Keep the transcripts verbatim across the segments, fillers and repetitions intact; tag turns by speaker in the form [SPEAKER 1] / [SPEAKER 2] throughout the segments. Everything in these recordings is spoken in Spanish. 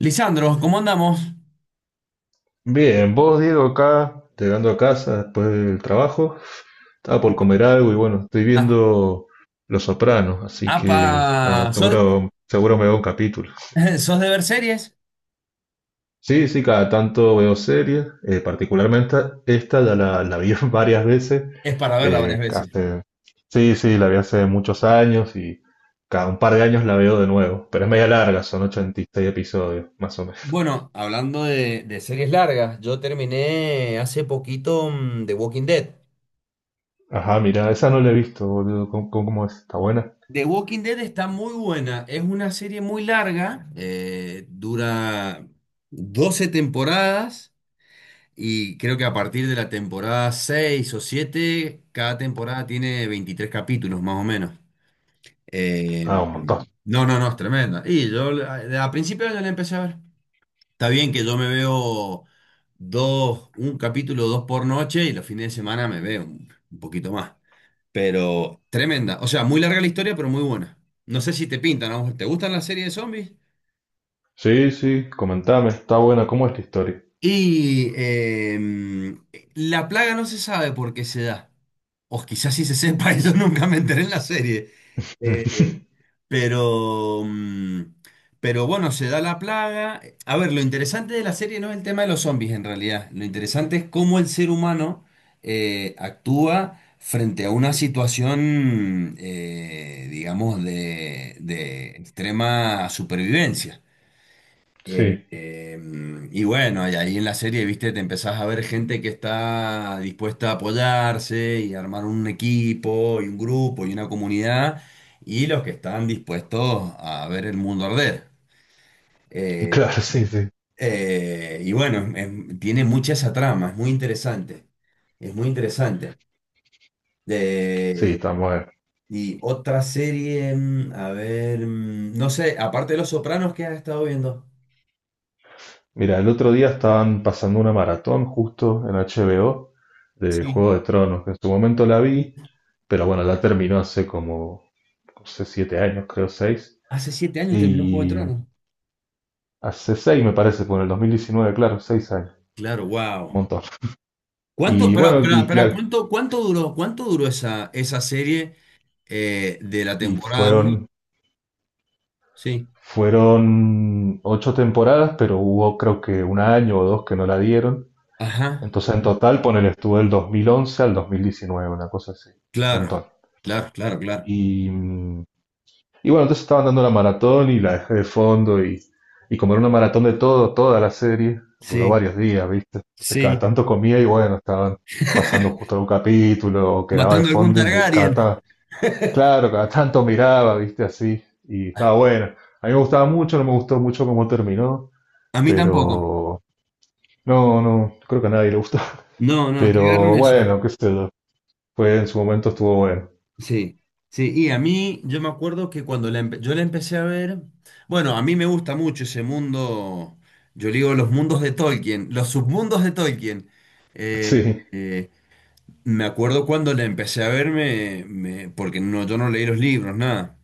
[SPEAKER 1] Lisandro, ¿cómo andamos?
[SPEAKER 2] Bien, vos Diego, acá, llegando a casa después del trabajo, estaba por comer algo y bueno, estoy
[SPEAKER 1] Ah,
[SPEAKER 2] viendo Los Sopranos, así que nada,
[SPEAKER 1] apa, ¿sos,
[SPEAKER 2] seguro, seguro me veo un capítulo.
[SPEAKER 1] sos de ver series?
[SPEAKER 2] Sí, sí, cada tanto veo series, eh, particularmente esta ya la, la vi varias veces,
[SPEAKER 1] Es para verla varias
[SPEAKER 2] eh,
[SPEAKER 1] veces.
[SPEAKER 2] hace- sí, sí, la vi hace muchos años y cada un par de años la veo de nuevo, pero es media larga, son ochenta y seis episodios, más o menos.
[SPEAKER 1] Bueno, hablando de, de series largas, yo terminé hace poquito mm, The Walking Dead.
[SPEAKER 2] Ajá, mira, esa no la he visto, boludo, ¿cómo, cómo es? ¿Está buena?
[SPEAKER 1] The Walking Dead está muy buena, es una serie muy larga, eh, dura doce temporadas y creo que a partir de la temporada seis o siete, cada temporada tiene veintitrés capítulos más o menos. Eh,
[SPEAKER 2] Ah, un montón.
[SPEAKER 1] no, no, no, es tremenda. Y yo a, a principio yo la empecé a ver. Está bien que yo me veo dos, un capítulo, dos por noche y los fines de semana me veo un, un poquito más. Pero tremenda. O sea, muy larga la historia, pero muy buena. No sé si te pintan, ¿no? ¿Te gustan las series de zombies?
[SPEAKER 2] Sí, sí, comentame, está buena, ¿cómo es la historia?
[SPEAKER 1] Y eh, la plaga no se sabe por qué se da. O quizás sí se sepa, eso nunca me enteré en la serie. Eh, Pero, mm, pero bueno, se da la plaga. A ver, lo interesante de la serie no es el tema de los zombies en realidad. Lo interesante es cómo el ser humano eh, actúa frente a una situación, eh, digamos, de, de extrema supervivencia. Eh,
[SPEAKER 2] Sí,
[SPEAKER 1] eh, y bueno, y ahí en la serie, viste, te empezás a ver gente que está dispuesta a apoyarse y armar un equipo y un grupo y una comunidad, y los que están dispuestos a ver el mundo arder. Eh,
[SPEAKER 2] claro, sí, sí.
[SPEAKER 1] eh, y bueno, es- tiene mucha esa trama, es muy interesante, es muy interesante.
[SPEAKER 2] Sí,
[SPEAKER 1] Eh,
[SPEAKER 2] está buena.
[SPEAKER 1] y otra serie, mm, a ver, mm, no sé, aparte de Los Sopranos, ¿qué has estado viendo?
[SPEAKER 2] Mira, el otro día estaban pasando una maratón justo en H B O de Juego
[SPEAKER 1] Sí.
[SPEAKER 2] de Tronos, que en su momento la vi, pero bueno, la terminó hace como, no sé, siete años, creo, seis.
[SPEAKER 1] Hace siete años terminó Juego de
[SPEAKER 2] Y
[SPEAKER 1] Tronos.
[SPEAKER 2] hace seis, me parece, por el dos mil diecinueve, claro, seis años,
[SPEAKER 1] Claro,
[SPEAKER 2] un
[SPEAKER 1] wow.
[SPEAKER 2] montón.
[SPEAKER 1] ¿Cuánto,
[SPEAKER 2] Y
[SPEAKER 1] pero,
[SPEAKER 2] bueno,
[SPEAKER 1] pero,
[SPEAKER 2] y
[SPEAKER 1] pero,
[SPEAKER 2] claro,
[SPEAKER 1] ¿cuánto, cuánto duró, cuánto duró esa, esa serie, eh, ¿de la
[SPEAKER 2] y
[SPEAKER 1] temporada uno?
[SPEAKER 2] fueron
[SPEAKER 1] Sí.
[SPEAKER 2] Fueron ocho temporadas, pero hubo creo que un año o dos que no la dieron.
[SPEAKER 1] Ajá.
[SPEAKER 2] Entonces en total, ponele, estuvo del dos mil once al dos mil diecinueve, una cosa así, un
[SPEAKER 1] Claro,
[SPEAKER 2] montón.
[SPEAKER 1] claro, claro, claro.
[SPEAKER 2] Y, mm, y bueno, entonces estaban dando la maratón y la dejé de fondo y, y como era una maratón de todo, toda la serie, duró
[SPEAKER 1] Sí,
[SPEAKER 2] varios días, ¿viste? Entonces cada
[SPEAKER 1] sí.
[SPEAKER 2] tanto comía y bueno, estaban pasando justo algún capítulo o quedaba de
[SPEAKER 1] Matando a algún
[SPEAKER 2] fondo y mi- cada,
[SPEAKER 1] Targaryen.
[SPEAKER 2] ta- claro, cada tanto miraba, ¿viste? Así y estaba buena. A mí me gustaba mucho, no me gustó mucho cómo terminó.
[SPEAKER 1] A mí tampoco.
[SPEAKER 2] Pero no, no, creo que a nadie le gustó.
[SPEAKER 1] No, no, que agarren
[SPEAKER 2] Pero
[SPEAKER 1] eso.
[SPEAKER 2] bueno, qué sé yo. Fue en su momento, estuvo bueno.
[SPEAKER 1] Sí, sí. Y a mí, yo me acuerdo que cuando la empe- yo la empecé a ver, bueno, a mí me gusta mucho ese mundo, yo digo los mundos de Tolkien, los submundos de Tolkien. Eh,
[SPEAKER 2] Sí,
[SPEAKER 1] eh, Me acuerdo cuando la empecé a ver, me- me- porque no, yo no leí los libros, nada.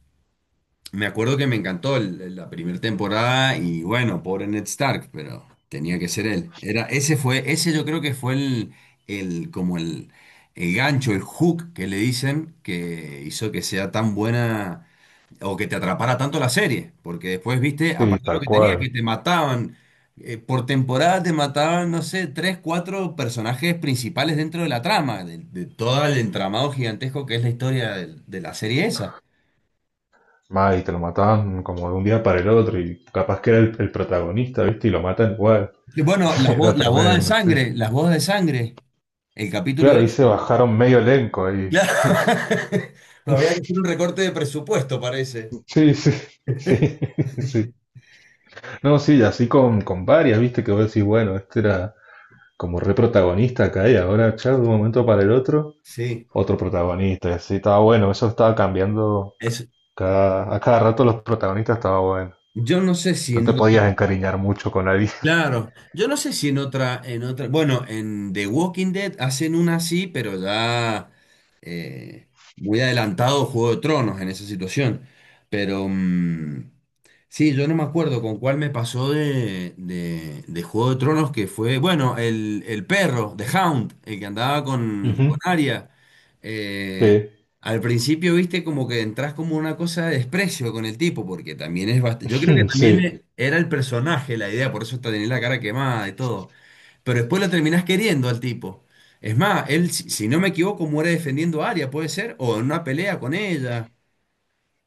[SPEAKER 1] Me acuerdo que me encantó el- la primera temporada y bueno, pobre Ned Stark, pero tenía que ser él. Era, ese fue, ese yo creo que fue el, el como el, el gancho, el hook que le dicen que hizo que sea tan buena o que te atrapara tanto la serie, porque después viste,
[SPEAKER 2] sí,
[SPEAKER 1] aparte de lo
[SPEAKER 2] tal
[SPEAKER 1] que tenía,
[SPEAKER 2] cual.
[SPEAKER 1] que te mataban, eh, por temporada te mataban, no sé, tres, cuatro personajes principales dentro de la trama, de, de todo el entramado gigantesco que es la historia del- de, la serie esa.
[SPEAKER 2] Más, y te lo mataban como de un día para el otro y capaz que era el, el protagonista, ¿viste? Y lo matan igual.
[SPEAKER 1] Y bueno, las bo-
[SPEAKER 2] Era
[SPEAKER 1] la boda de
[SPEAKER 2] tremendo, sí.
[SPEAKER 1] sangre, las bodas de sangre, el capítulo
[SPEAKER 2] Claro, ahí se
[SPEAKER 1] ese.
[SPEAKER 2] bajaron medio elenco ahí.
[SPEAKER 1] Claro. Había que hacer un recorte de presupuesto, parece.
[SPEAKER 2] Sí, sí, sí, sí. No, sí, así con, con varias, ¿viste? Que vos decís, bueno, este era como re protagonista acá y ahora, chao, de un momento para el otro.
[SPEAKER 1] Sí.
[SPEAKER 2] Otro protagonista, y así estaba bueno, eso estaba cambiando
[SPEAKER 1] Es,
[SPEAKER 2] cada, a cada rato los protagonistas, estaba bueno.
[SPEAKER 1] yo no sé si
[SPEAKER 2] No
[SPEAKER 1] no.
[SPEAKER 2] te podías encariñar mucho con nadie.
[SPEAKER 1] Claro, yo no sé si en otra, en otra, bueno, en The Walking Dead hacen una así, pero ya eh, muy adelantado Juego de Tronos en esa situación. Pero mm, sí, yo no me acuerdo con cuál me pasó de, de, de Juego de Tronos, que fue, bueno, el, el perro, The Hound, el que andaba con, con
[SPEAKER 2] Ujú.
[SPEAKER 1] Arya. eh,
[SPEAKER 2] Sí,
[SPEAKER 1] Al principio, viste, como que entras como una cosa de desprecio con el tipo, porque también es bastante... Yo creo que también
[SPEAKER 2] sí.
[SPEAKER 1] e- era el personaje la idea, por eso hasta tenía la cara quemada y todo. Pero después lo terminás queriendo al tipo. Es más, él, si, si no me equivoco, muere defendiendo a Arya, puede ser, o en una pelea con ella.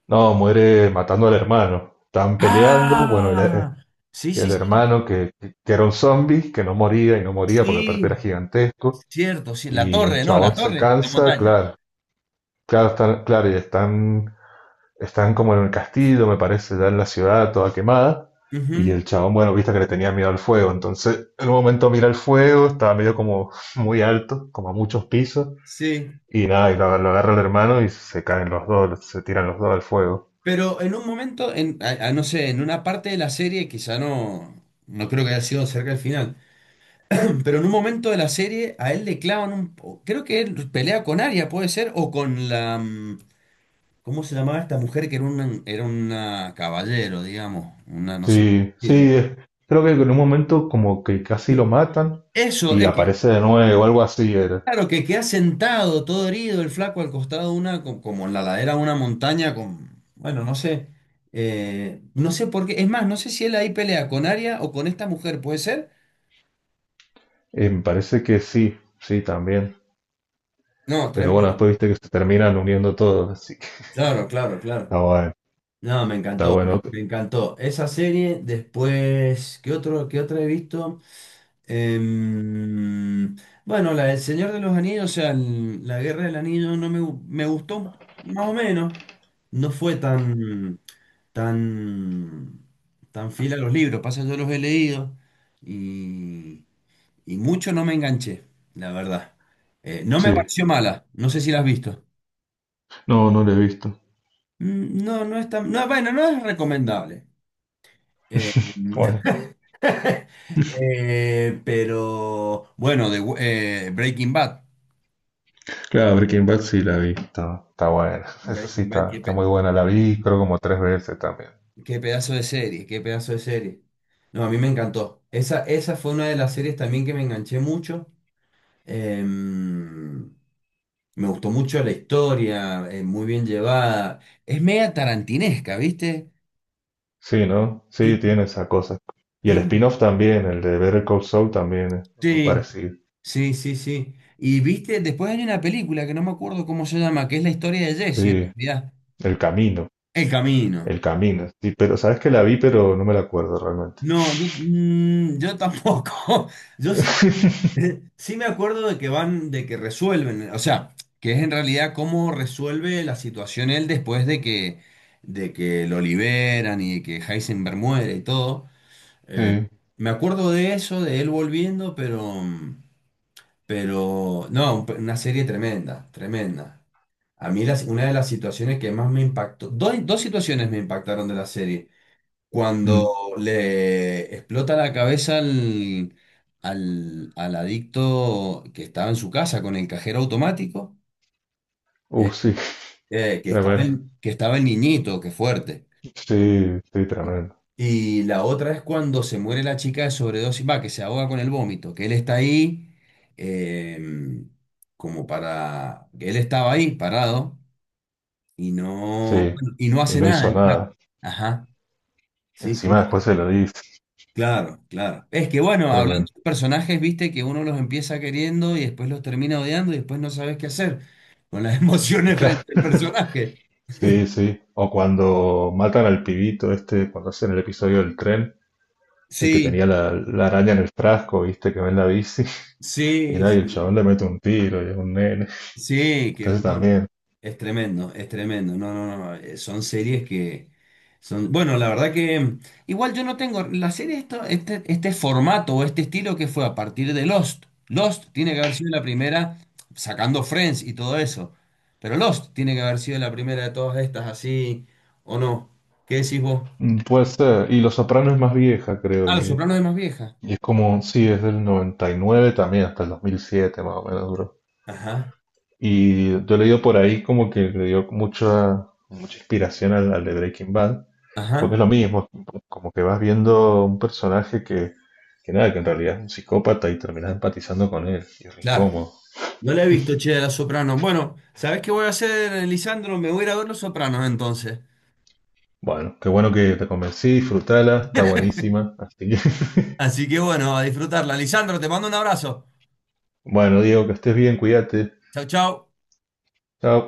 [SPEAKER 2] No, muere matando al hermano. Están peleando, bueno, el,
[SPEAKER 1] ¡Ah! Sí, sí,
[SPEAKER 2] el
[SPEAKER 1] sí,
[SPEAKER 2] hermano que, que era un zombie, que no moría y no moría porque aparte era
[SPEAKER 1] sí.
[SPEAKER 2] gigantesco,
[SPEAKER 1] Cierto, sí. La
[SPEAKER 2] y el
[SPEAKER 1] torre, no, la
[SPEAKER 2] chabón se
[SPEAKER 1] torre, la
[SPEAKER 2] cansa,
[SPEAKER 1] montaña.
[SPEAKER 2] claro, claro, están, claro, y están están como en el castillo, me parece, ya en la ciudad, toda quemada. Y el
[SPEAKER 1] Ujú,
[SPEAKER 2] chabón, bueno, viste que le tenía miedo al fuego. Entonces, en un momento mira el fuego, estaba medio como muy alto, como a muchos pisos.
[SPEAKER 1] sí.
[SPEAKER 2] Y nada, y lo, lo agarra el hermano y se caen los dos, se tiran los dos al fuego.
[SPEAKER 1] Pero en un momento, en, a- a- no sé, en una parte de la serie, quizá no, no creo que haya sido cerca del final, pero en un momento de la serie a él le clavan un... o- creo que él pelea con Arya, puede ser, o con la... mm, ¿cómo se llamaba esta mujer que era una, era una caballero, digamos? Una, no sé cómo
[SPEAKER 2] Sí,
[SPEAKER 1] decirlo.
[SPEAKER 2] sí, es- creo que en un momento como que casi lo matan
[SPEAKER 1] Eso.
[SPEAKER 2] y aparece de nuevo, algo así era.
[SPEAKER 1] Claro, que queda sentado, todo herido, el flaco al costado de una, co- como en la ladera de una montaña, con, bueno, no sé, eh, no sé por qué, es más, no sé si él ahí pelea con Aria o con esta mujer, ¿puede ser?
[SPEAKER 2] Eh, me parece que sí, sí, también.
[SPEAKER 1] No,
[SPEAKER 2] Pero
[SPEAKER 1] tremendo,
[SPEAKER 2] bueno, después viste que se terminan uniendo todos, así que
[SPEAKER 1] claro, claro, claro.
[SPEAKER 2] está bueno,
[SPEAKER 1] No, me
[SPEAKER 2] está
[SPEAKER 1] encantó,
[SPEAKER 2] bueno.
[SPEAKER 1] me encantó. Esa serie, después, ¿qué otro, qué otra he visto? Em, bueno, la del Señor de los Anillos, o sea, el- la Guerra del Anillo, no me, gu- me gustó, más o menos, no fue tan... tan, tan fiel a los libros. Pasa, yo los he leído y, y mucho no me enganché, la verdad. Eh, no me
[SPEAKER 2] Sí.
[SPEAKER 1] pareció mala, no sé si la has visto.
[SPEAKER 2] No, no lo he visto.
[SPEAKER 1] Mm, No, no es tan, no, bueno, no es recomendable. Eh,
[SPEAKER 2] Bueno,
[SPEAKER 1] eh, pero bueno, de, eh, Breaking Bad.
[SPEAKER 2] claro, Breaking Bad sí la vi, está, está buena. Eso sí,
[SPEAKER 1] Breaking Bad,
[SPEAKER 2] está,
[SPEAKER 1] qué,
[SPEAKER 2] está
[SPEAKER 1] pe-
[SPEAKER 2] muy buena. La vi, creo, como tres veces también.
[SPEAKER 1] qué pedazo de serie, qué pedazo de serie. No, a mí me encantó. Esa, esa fue una de las series también que me enganché mucho. Em, Me gustó mucho la historia, eh, muy bien llevada. Es media tarantinesca, ¿viste?
[SPEAKER 2] Sí, ¿no? Sí,
[SPEAKER 1] Ti-
[SPEAKER 2] tiene esa cosa. Y el
[SPEAKER 1] tiene-
[SPEAKER 2] spin-off también, el de Better Call Saul también es muy
[SPEAKER 1] Sí,
[SPEAKER 2] parecido.
[SPEAKER 1] sí, sí, sí. Y viste, después hay una película que no me acuerdo cómo se llama, que es la historia de Jesse, en
[SPEAKER 2] Sí,
[SPEAKER 1] realidad.
[SPEAKER 2] El Camino,
[SPEAKER 1] El camino.
[SPEAKER 2] El Camino. Sí, pero sabes que la vi, pero no me la acuerdo realmente.
[SPEAKER 1] No, yo, mm, yo tampoco. Yo sí, me- sí me acuerdo de que van, de que resuelven, o sea, que es en realidad cómo resuelve la situación él después de que, de que lo liberan y que Heisenberg muere y todo.
[SPEAKER 2] Sí.
[SPEAKER 1] Me acuerdo de eso, de él volviendo, pero, pero no, un- una serie tremenda, tremenda. A mí las- una de las situaciones que más me impactó, dos, dos situaciones me impactaron de la serie. Cuando
[SPEAKER 2] Mm.
[SPEAKER 1] le explota la cabeza al, al, al adicto que estaba en su casa con el cajero automático, eh,
[SPEAKER 2] Uh, sí,
[SPEAKER 1] eh, que estaba
[SPEAKER 2] tremendo.
[SPEAKER 1] el, que estaba el niñito, que fuerte.
[SPEAKER 2] Sí, sí,
[SPEAKER 1] Y
[SPEAKER 2] tremendo.
[SPEAKER 1] y la otra es cuando se muere la chica de sobredosis, va, que se ahoga con el vómito, que él está ahí, eh, como para, que él estaba ahí parado y no,
[SPEAKER 2] Sí,
[SPEAKER 1] bueno, y no
[SPEAKER 2] y
[SPEAKER 1] hace
[SPEAKER 2] no
[SPEAKER 1] nada
[SPEAKER 2] hizo
[SPEAKER 1] el flaco.
[SPEAKER 2] nada.
[SPEAKER 1] Ajá, sí, sí,
[SPEAKER 2] Encima
[SPEAKER 1] sí.
[SPEAKER 2] después se lo dice.
[SPEAKER 1] Claro, claro. Es que bueno, hablando
[SPEAKER 2] Tremendo,
[SPEAKER 1] de personajes, viste que uno los empieza queriendo y después los termina odiando y después no sabes qué hacer con las emociones
[SPEAKER 2] claro.
[SPEAKER 1] frente al personaje.
[SPEAKER 2] Sí, sí. O cuando matan al pibito este, cuando hacen el episodio del tren, el que
[SPEAKER 1] Sí,
[SPEAKER 2] tenía la, la araña en el frasco, viste, que ven la bici. Y
[SPEAKER 1] sí,
[SPEAKER 2] nada, y el
[SPEAKER 1] sí.
[SPEAKER 2] chabón le mete un tiro y es un nene.
[SPEAKER 1] Sí, que
[SPEAKER 2] Entonces
[SPEAKER 1] no,
[SPEAKER 2] también.
[SPEAKER 1] es tremendo, es tremendo. No, no, no. eh, Son series que son. Bueno, la verdad que, mm, igual yo no tengo. La serie, esto, este, este formato o este estilo que fue a partir de Lost. Lost tiene que haber sido la primera, sacando Friends y todo eso. Pero Lost tiene que haber sido la primera de todas estas, así. ¿O no? ¿Qué decís vos?
[SPEAKER 2] mm, Puede ser. Y Los Soprano es más vieja, creo.
[SPEAKER 1] Ah, Los
[SPEAKER 2] Y,
[SPEAKER 1] Sopranos es más vieja.
[SPEAKER 2] y es como, sí, es del noventa y nueve también, hasta el dos mil siete más o menos duró.
[SPEAKER 1] Ajá,
[SPEAKER 2] Y yo he leído por ahí como que le dio mucha, mucha inspiración al, al de Breaking Bad. Porque
[SPEAKER 1] ajá,
[SPEAKER 2] es lo mismo, como que vas viendo un personaje que, que nada, que en realidad es un psicópata y terminás empatizando con él, y es re
[SPEAKER 1] claro.
[SPEAKER 2] incómodo.
[SPEAKER 1] No la he visto, che, a Los Sopranos. Bueno, ¿sabés qué voy a hacer, Lisandro? Me voy a ir a ver Los Sopranos entonces.
[SPEAKER 2] Bueno, qué bueno que te convencí, disfrutala, está buenísima. Así que,
[SPEAKER 1] Así que bueno, a disfrutarla. Lisandro, te mando un abrazo.
[SPEAKER 2] bueno, Diego, que estés bien, cuídate.
[SPEAKER 1] Chau, chau.
[SPEAKER 2] Chao.